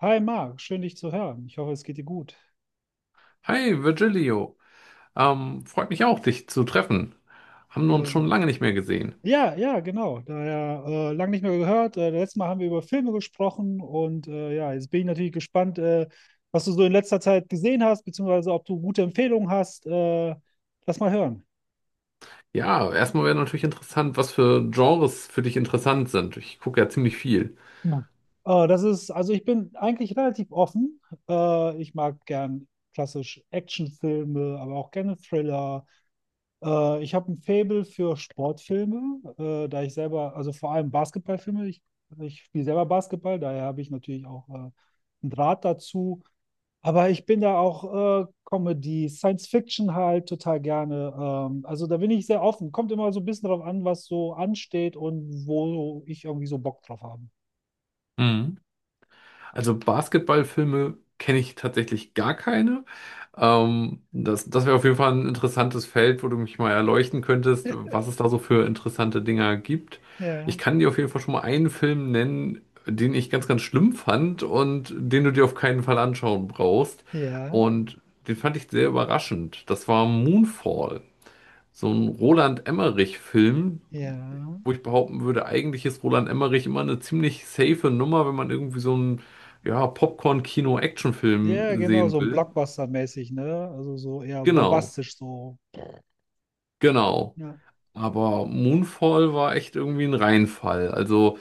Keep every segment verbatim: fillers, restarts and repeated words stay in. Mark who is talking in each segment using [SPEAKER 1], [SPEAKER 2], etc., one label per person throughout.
[SPEAKER 1] Hi Marc, schön dich zu hören. Ich hoffe, es geht dir gut.
[SPEAKER 2] Hi Virgilio, ähm, freut mich auch, dich zu treffen. Haben wir uns
[SPEAKER 1] Äh,
[SPEAKER 2] schon lange nicht mehr gesehen.
[SPEAKER 1] ja, ja, genau. Daher äh, lang nicht mehr gehört. Äh, letztes Mal haben wir über Filme gesprochen und äh, ja, jetzt bin ich natürlich gespannt, äh, was du so in letzter Zeit gesehen hast, beziehungsweise ob du gute Empfehlungen hast. Äh, lass mal hören.
[SPEAKER 2] Ja, erstmal wäre natürlich interessant, was für Genres für dich interessant sind. Ich gucke ja ziemlich viel.
[SPEAKER 1] Ja. Äh, das ist, also ich bin eigentlich relativ offen. Äh, ich mag gern klassisch Actionfilme, aber auch gerne Thriller. Äh, ich habe ein Faible für Sportfilme, äh, da ich selber, also vor allem Basketballfilme, ich, ich spiele selber Basketball, daher habe ich natürlich auch äh, einen Draht dazu. Aber ich bin da auch äh, Comedy, Science Fiction halt total gerne. Ähm, also da bin ich sehr offen. Kommt immer so ein bisschen drauf an, was so ansteht und wo ich irgendwie so Bock drauf habe.
[SPEAKER 2] Also Basketballfilme kenne ich tatsächlich gar keine. Ähm, das das wäre auf jeden Fall ein interessantes Feld, wo du mich mal erleuchten könntest, was es da so für interessante Dinger gibt. Ich
[SPEAKER 1] Ja,
[SPEAKER 2] kann dir auf jeden Fall schon mal einen Film nennen, den ich ganz, ganz schlimm fand und den du dir auf keinen Fall anschauen brauchst.
[SPEAKER 1] ja,
[SPEAKER 2] Und den fand ich sehr überraschend. Das war Moonfall, so ein Roland Emmerich-Film,
[SPEAKER 1] ja.
[SPEAKER 2] wo ich behaupten würde, eigentlich ist Roland Emmerich immer eine ziemlich safe Nummer, wenn man irgendwie so einen, ja,
[SPEAKER 1] Ja,
[SPEAKER 2] Popcorn-Kino-Actionfilm
[SPEAKER 1] genau, so
[SPEAKER 2] sehen
[SPEAKER 1] ein
[SPEAKER 2] will.
[SPEAKER 1] Blockbuster-mäßig, ne? Also so eher
[SPEAKER 2] Genau,
[SPEAKER 1] bombastisch so.
[SPEAKER 2] genau.
[SPEAKER 1] Ja.
[SPEAKER 2] Aber Moonfall war echt irgendwie ein Reinfall. Also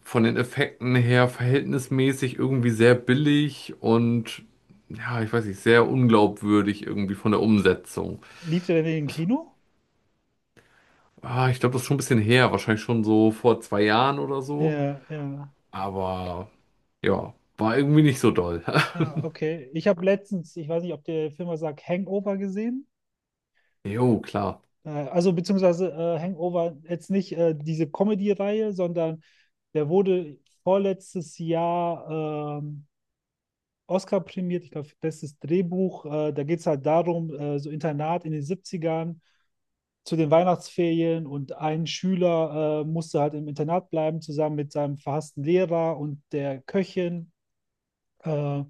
[SPEAKER 2] von den Effekten her verhältnismäßig irgendwie sehr billig und ja, ich weiß nicht, sehr unglaubwürdig irgendwie von der Umsetzung.
[SPEAKER 1] Lief der denn im Kino?
[SPEAKER 2] Ah, ich glaube, das ist schon ein bisschen her, wahrscheinlich schon so vor zwei Jahren oder so.
[SPEAKER 1] Ja, ja.
[SPEAKER 2] Aber ja, war irgendwie nicht so doll.
[SPEAKER 1] Ah, okay. Ich habe letztens, ich weiß nicht, ob der Film was sagt, Hangover gesehen.
[SPEAKER 2] Jo, klar.
[SPEAKER 1] Äh, also beziehungsweise äh, Hangover jetzt nicht äh, diese Comedy-Reihe, sondern der wurde vorletztes Jahr ähm, Oscar prämiert, ich glaube, bestes Drehbuch. Äh, da geht es halt darum, äh, so Internat in den Siebzigern zu den Weihnachtsferien und ein Schüler äh, musste halt im Internat bleiben, zusammen mit seinem verhassten Lehrer und der Köchin. Äh,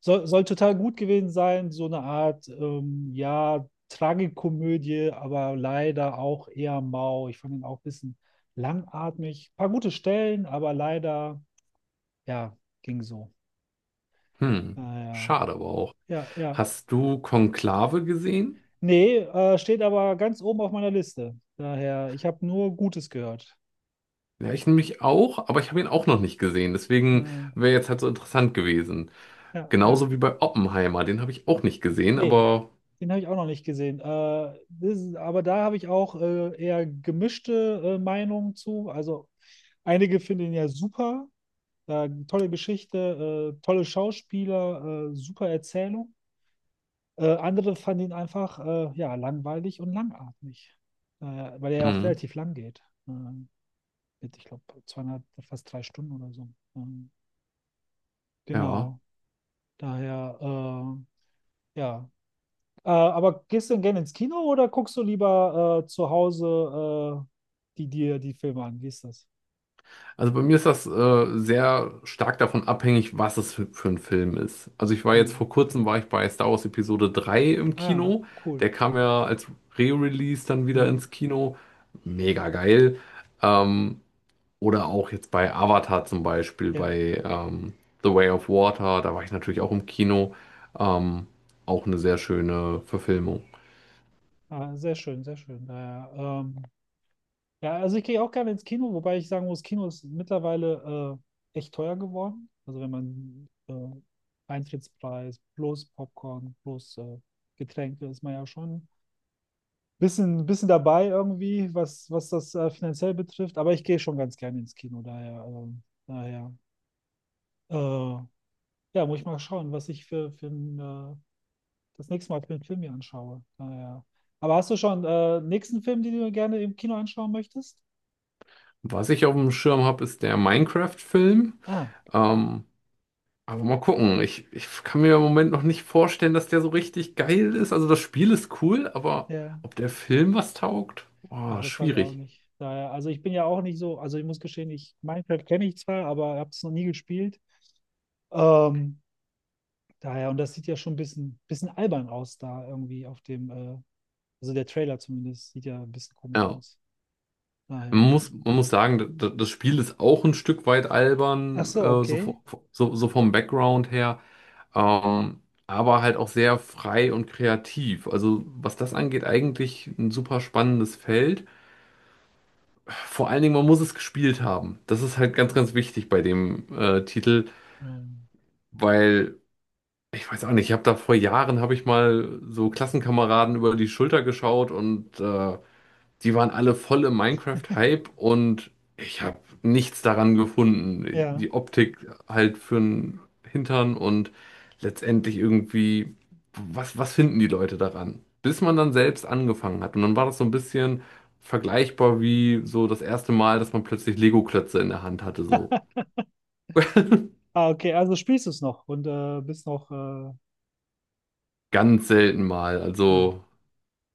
[SPEAKER 1] soll, Soll total gut gewesen sein, so eine Art, ähm, ja, Tragikomödie, aber leider auch eher mau. Ich fand ihn auch ein bisschen langatmig. Paar gute Stellen, aber leider, ja, ging so.
[SPEAKER 2] Hm,
[SPEAKER 1] Naja,
[SPEAKER 2] schade aber auch.
[SPEAKER 1] ja, ja.
[SPEAKER 2] Hast du Konklave gesehen?
[SPEAKER 1] Nee, äh, steht aber ganz oben auf meiner Liste. Daher, ich habe nur Gutes gehört.
[SPEAKER 2] Ja, ich nämlich auch, aber ich habe ihn auch noch nicht gesehen. Deswegen
[SPEAKER 1] Äh,
[SPEAKER 2] wäre jetzt halt so interessant gewesen.
[SPEAKER 1] ja, ja.
[SPEAKER 2] Genauso wie bei Oppenheimer, den habe ich auch nicht gesehen,
[SPEAKER 1] Nee,
[SPEAKER 2] aber
[SPEAKER 1] den habe ich auch noch nicht gesehen. Äh, das ist, aber da habe ich auch äh, eher gemischte äh, Meinungen zu. Also einige finden ihn ja super. Äh, tolle Geschichte, äh, tolle Schauspieler, äh, super Erzählung. Äh, andere fanden ihn einfach äh, ja, langweilig und langatmig, äh, weil er ja auch
[SPEAKER 2] hm,
[SPEAKER 1] relativ lang geht. Äh, mit, ich glaube, zweieinhalb, fast drei Stunden oder so. Ähm,
[SPEAKER 2] ja.
[SPEAKER 1] genau. Daher, äh, ja, Äh, aber gehst du denn gerne ins Kino oder guckst du lieber äh, zu Hause äh, die dir die Filme an? Wie ist das?
[SPEAKER 2] Also bei mir ist das äh, sehr stark davon abhängig, was es für, für ein Film ist. Also ich war jetzt
[SPEAKER 1] Hm.
[SPEAKER 2] vor kurzem war ich bei Star Wars Episode drei im
[SPEAKER 1] Ah,
[SPEAKER 2] Kino.
[SPEAKER 1] cool.
[SPEAKER 2] Der kam ja als Re-Release dann wieder
[SPEAKER 1] Hm.
[SPEAKER 2] ins Kino. Mega geil. Ähm, Oder auch jetzt bei Avatar zum Beispiel,
[SPEAKER 1] Ja,
[SPEAKER 2] bei ähm, The Way of Water, da war ich natürlich auch im Kino. Ähm, auch eine sehr schöne Verfilmung.
[SPEAKER 1] ah, sehr schön, sehr schön. Naja, ähm, ja, also ich gehe auch gerne ins Kino, wobei ich sagen muss, Kino ist mittlerweile äh, echt teuer geworden. Also wenn man äh, Eintrittspreis plus Popcorn plus äh, Getränke ist man ja schon bisschen, bisschen dabei irgendwie, was, was das äh, finanziell betrifft, aber ich gehe schon ganz gerne ins Kino, daher, ähm, daher. Äh, ja, muss ich mal schauen, was ich für, für ein, äh, das nächste Mal für einen Film hier anschaue. Daher. Aber hast du schon äh, nächsten Film, den du gerne im Kino anschauen möchtest?
[SPEAKER 2] Was ich auf dem Schirm habe, ist der Minecraft-Film.
[SPEAKER 1] Ah,
[SPEAKER 2] Ähm, aber mal gucken. Ich, ich kann mir im Moment noch nicht vorstellen, dass der so richtig geil ist. Also das Spiel ist cool, aber
[SPEAKER 1] ja.
[SPEAKER 2] ob der Film was taugt?
[SPEAKER 1] Ach,
[SPEAKER 2] Oh,
[SPEAKER 1] das weiß ich auch
[SPEAKER 2] schwierig.
[SPEAKER 1] nicht. Daher, also ich bin ja auch nicht so, also ich muss gestehen, ich Minecraft kenne ich zwar, aber habe es noch nie gespielt. Ähm, Daher, und das sieht ja schon ein bisschen, bisschen albern aus da irgendwie auf dem äh, also der Trailer zumindest sieht ja ein bisschen komisch
[SPEAKER 2] Ja.
[SPEAKER 1] aus. Daher,
[SPEAKER 2] Man
[SPEAKER 1] ja.
[SPEAKER 2] muss, man muss sagen, d- das Spiel ist auch ein Stück weit
[SPEAKER 1] Ach
[SPEAKER 2] albern,
[SPEAKER 1] so,
[SPEAKER 2] äh, so,
[SPEAKER 1] okay.
[SPEAKER 2] vo- so, so vom Background her, ähm, aber halt auch sehr frei und kreativ. Also was das angeht, eigentlich ein super spannendes Feld. Vor allen Dingen, man muss es gespielt haben. Das ist halt ganz, ganz wichtig bei dem äh, Titel,
[SPEAKER 1] Ähm,
[SPEAKER 2] weil ich weiß auch nicht, ich habe da vor Jahren, habe ich mal so Klassenkameraden über die Schulter geschaut und äh, die waren alle voll im Minecraft-Hype und ich habe nichts daran gefunden.
[SPEAKER 1] ja.
[SPEAKER 2] Die Optik halt für den Hintern und letztendlich irgendwie, was, was finden die Leute daran? Bis man dann selbst angefangen hat. Und dann war das so ein bisschen vergleichbar wie so das erste Mal, dass man plötzlich Lego-Klötze in der Hand hatte, so.
[SPEAKER 1] Ah, okay, also spielst du es noch und äh, bist noch. Äh,
[SPEAKER 2] Ganz selten mal.
[SPEAKER 1] ja,
[SPEAKER 2] Also,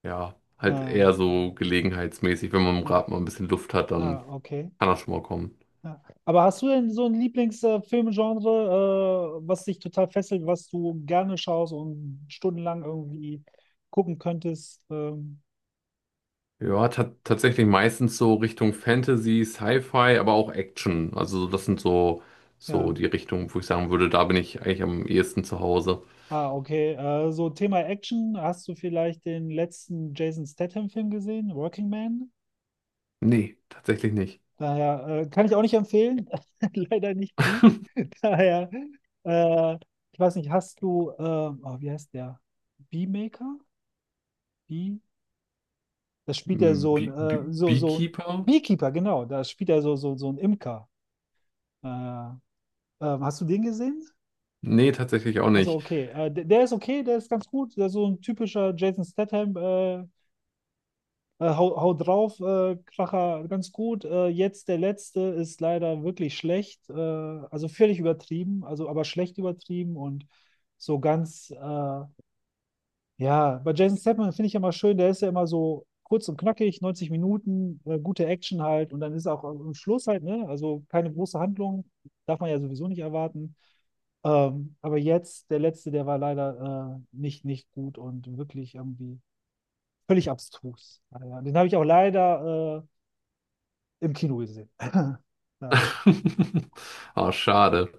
[SPEAKER 2] ja, halt
[SPEAKER 1] äh,
[SPEAKER 2] eher so gelegenheitsmäßig. Wenn man im
[SPEAKER 1] ja.
[SPEAKER 2] Rad mal ein bisschen Luft hat, dann
[SPEAKER 1] Ah, okay.
[SPEAKER 2] kann das schon mal kommen.
[SPEAKER 1] Ja. Aber hast du denn so ein Lieblingsfilmgenre, äh, was dich total fesselt, was du gerne schaust und stundenlang irgendwie gucken könntest? Ähm,
[SPEAKER 2] Ja, ta tatsächlich meistens so Richtung Fantasy, Sci-Fi, aber auch Action. Also das sind so, so
[SPEAKER 1] ja.
[SPEAKER 2] die Richtungen, wo ich sagen würde, da bin ich eigentlich am ehesten zu Hause.
[SPEAKER 1] Ah, okay. Äh, so Thema Action. Hast du vielleicht den letzten Jason Statham-Film gesehen, Working Man?
[SPEAKER 2] Nee, tatsächlich nicht.
[SPEAKER 1] Daher äh, kann ich auch nicht empfehlen. Leider nicht gut. Daher, äh, ich weiß nicht, hast du, äh, oh, wie heißt der? Beemaker? Bee? Das spielt ja
[SPEAKER 2] Hm,
[SPEAKER 1] so ein,
[SPEAKER 2] Bee Bee
[SPEAKER 1] äh, so, so, ein
[SPEAKER 2] Beekeeper?
[SPEAKER 1] Beekeeper, genau. Da spielt er so, so, so ein Imker. Äh, ähm, hast du den gesehen?
[SPEAKER 2] Nee, tatsächlich auch
[SPEAKER 1] Also,
[SPEAKER 2] nicht.
[SPEAKER 1] okay. Äh, der, der ist okay, der ist ganz gut. Der ist so ein typischer Jason Statham, äh, Äh, hau, hau drauf, äh, Kracher, ganz gut. Äh, jetzt der letzte ist leider wirklich schlecht. Äh, also völlig übertrieben, also aber schlecht übertrieben und so ganz, äh, ja, bei Jason Statham finde ich immer schön, der ist ja immer so kurz und knackig, neunzig Minuten, äh, gute Action halt und dann ist auch am Schluss halt, ne? Also keine große Handlung, darf man ja sowieso nicht erwarten. Ähm, aber jetzt, der letzte, der war leider äh, nicht, nicht gut und wirklich irgendwie völlig abstrus. Ja, ja, den habe ich auch leider äh, im Kino gesehen. Naja.
[SPEAKER 2] Ah, schade.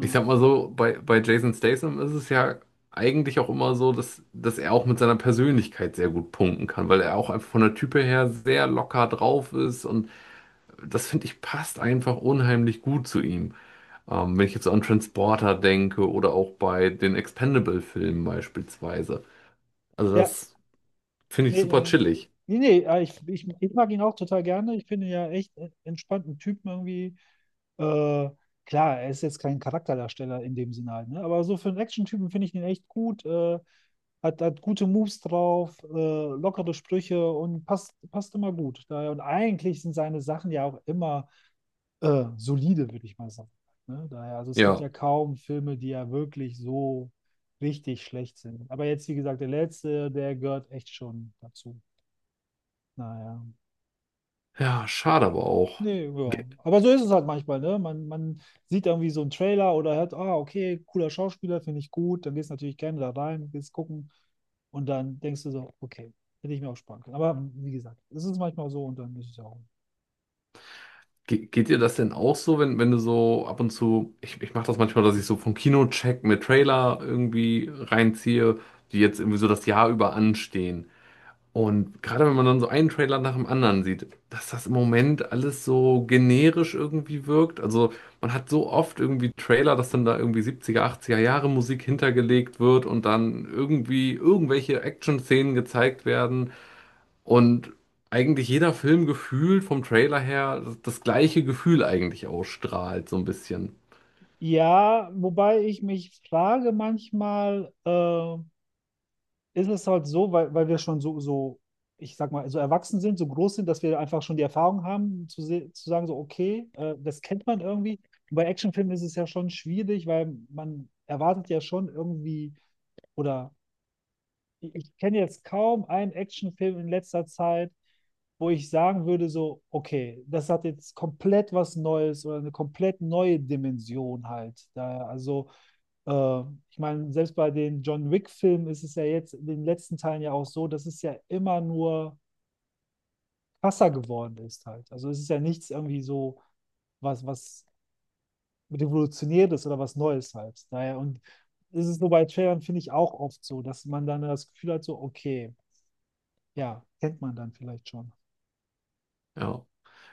[SPEAKER 2] Ich sag mal so, bei, bei Jason Statham ist es ja eigentlich auch immer so, dass, dass er auch mit seiner Persönlichkeit sehr gut punkten kann, weil er auch einfach von der Type her sehr locker drauf ist und das finde ich passt einfach unheimlich gut zu ihm. Ähm, wenn ich jetzt so an Transporter denke oder auch bei den Expendable-Filmen beispielsweise. Also
[SPEAKER 1] ja
[SPEAKER 2] das finde ich
[SPEAKER 1] nee,
[SPEAKER 2] super
[SPEAKER 1] äh,
[SPEAKER 2] chillig.
[SPEAKER 1] nee, nee, äh, ich, ich, ich mag ihn auch total gerne. Ich finde ihn ja echt äh, entspannten Typen irgendwie. Äh, klar, er ist jetzt kein Charakterdarsteller in dem Sinne halt, ne? Aber so für einen Action-Typen finde ich ihn echt gut. Äh, hat, hat gute Moves drauf, äh, lockere Sprüche und passt, passt immer gut. Daher, und eigentlich sind seine Sachen ja auch immer äh, solide, würde ich mal sagen. Ne? Daher, also es gibt
[SPEAKER 2] Ja,
[SPEAKER 1] ja kaum Filme, die ja wirklich so richtig schlecht sind. Aber jetzt, wie gesagt, der letzte, der gehört echt schon dazu. Naja.
[SPEAKER 2] ja, schade aber auch.
[SPEAKER 1] Nee, ja.
[SPEAKER 2] Ge
[SPEAKER 1] Aber so ist es halt manchmal, ne? Man, man sieht irgendwie so einen Trailer oder hört, ah, okay, cooler Schauspieler, finde ich gut. Dann gehst du natürlich gerne da rein, gehst gucken. Und dann denkst du so, okay, hätte ich mir auch sparen können. Aber wie gesagt, es ist manchmal so und dann ist es ja auch.
[SPEAKER 2] ge geht dir das denn auch so, wenn, wenn du so ab und zu, ich, ich mache das manchmal, dass ich so vom Kinocheck mit Trailer irgendwie reinziehe, die jetzt irgendwie so das Jahr über anstehen. Und gerade wenn man dann so einen Trailer nach dem anderen sieht, dass das im Moment alles so generisch irgendwie wirkt. Also man hat so oft irgendwie Trailer, dass dann da irgendwie siebziger, achtziger Jahre Musik hintergelegt wird und dann irgendwie irgendwelche Action-Szenen gezeigt werden. Und eigentlich jeder Film gefühlt vom Trailer her das, das gleiche Gefühl eigentlich ausstrahlt, so ein bisschen.
[SPEAKER 1] Ja, wobei ich mich frage manchmal, äh, ist es halt so, weil, weil wir schon so, so, ich sag mal, so erwachsen sind, so groß sind, dass wir einfach schon die Erfahrung haben, zu, se- zu sagen, so, okay, äh, das kennt man irgendwie. Und bei Actionfilmen ist es ja schon schwierig, weil man erwartet ja schon irgendwie, oder ich, ich kenne jetzt kaum einen Actionfilm in letzter Zeit, wo ich sagen würde, so, okay, das hat jetzt komplett was Neues oder eine komplett neue Dimension halt. Da, also äh, ich meine, selbst bei den John Wick-Filmen ist es ja jetzt in den letzten Teilen ja auch so, dass es ja immer nur krasser geworden ist halt. Also es ist ja nichts irgendwie so, was, was Revolutionäres oder was Neues halt. Daher, und es ist nur bei Trailern, finde ich, auch oft so, dass man dann das Gefühl hat, so, okay, ja, kennt man dann vielleicht schon.
[SPEAKER 2] Ja.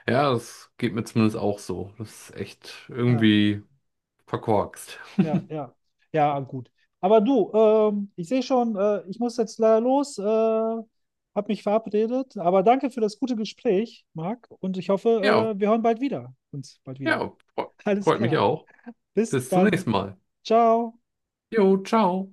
[SPEAKER 2] Ja, das geht mir zumindest auch so. Das ist echt
[SPEAKER 1] Ja.
[SPEAKER 2] irgendwie verkorkst.
[SPEAKER 1] Ja, ja, ja, gut. Aber du, ähm, ich sehe schon, äh, ich muss jetzt leider los, äh, habe mich verabredet. Aber danke für das gute Gespräch, Marc. Und ich
[SPEAKER 2] Ja,
[SPEAKER 1] hoffe, äh, wir hören bald wieder. Uns bald wieder.
[SPEAKER 2] Ja, fre-
[SPEAKER 1] Alles
[SPEAKER 2] freut mich
[SPEAKER 1] klar.
[SPEAKER 2] auch.
[SPEAKER 1] Bis
[SPEAKER 2] Bis zum nächsten
[SPEAKER 1] dann.
[SPEAKER 2] Mal.
[SPEAKER 1] Ciao.
[SPEAKER 2] Jo, ciao.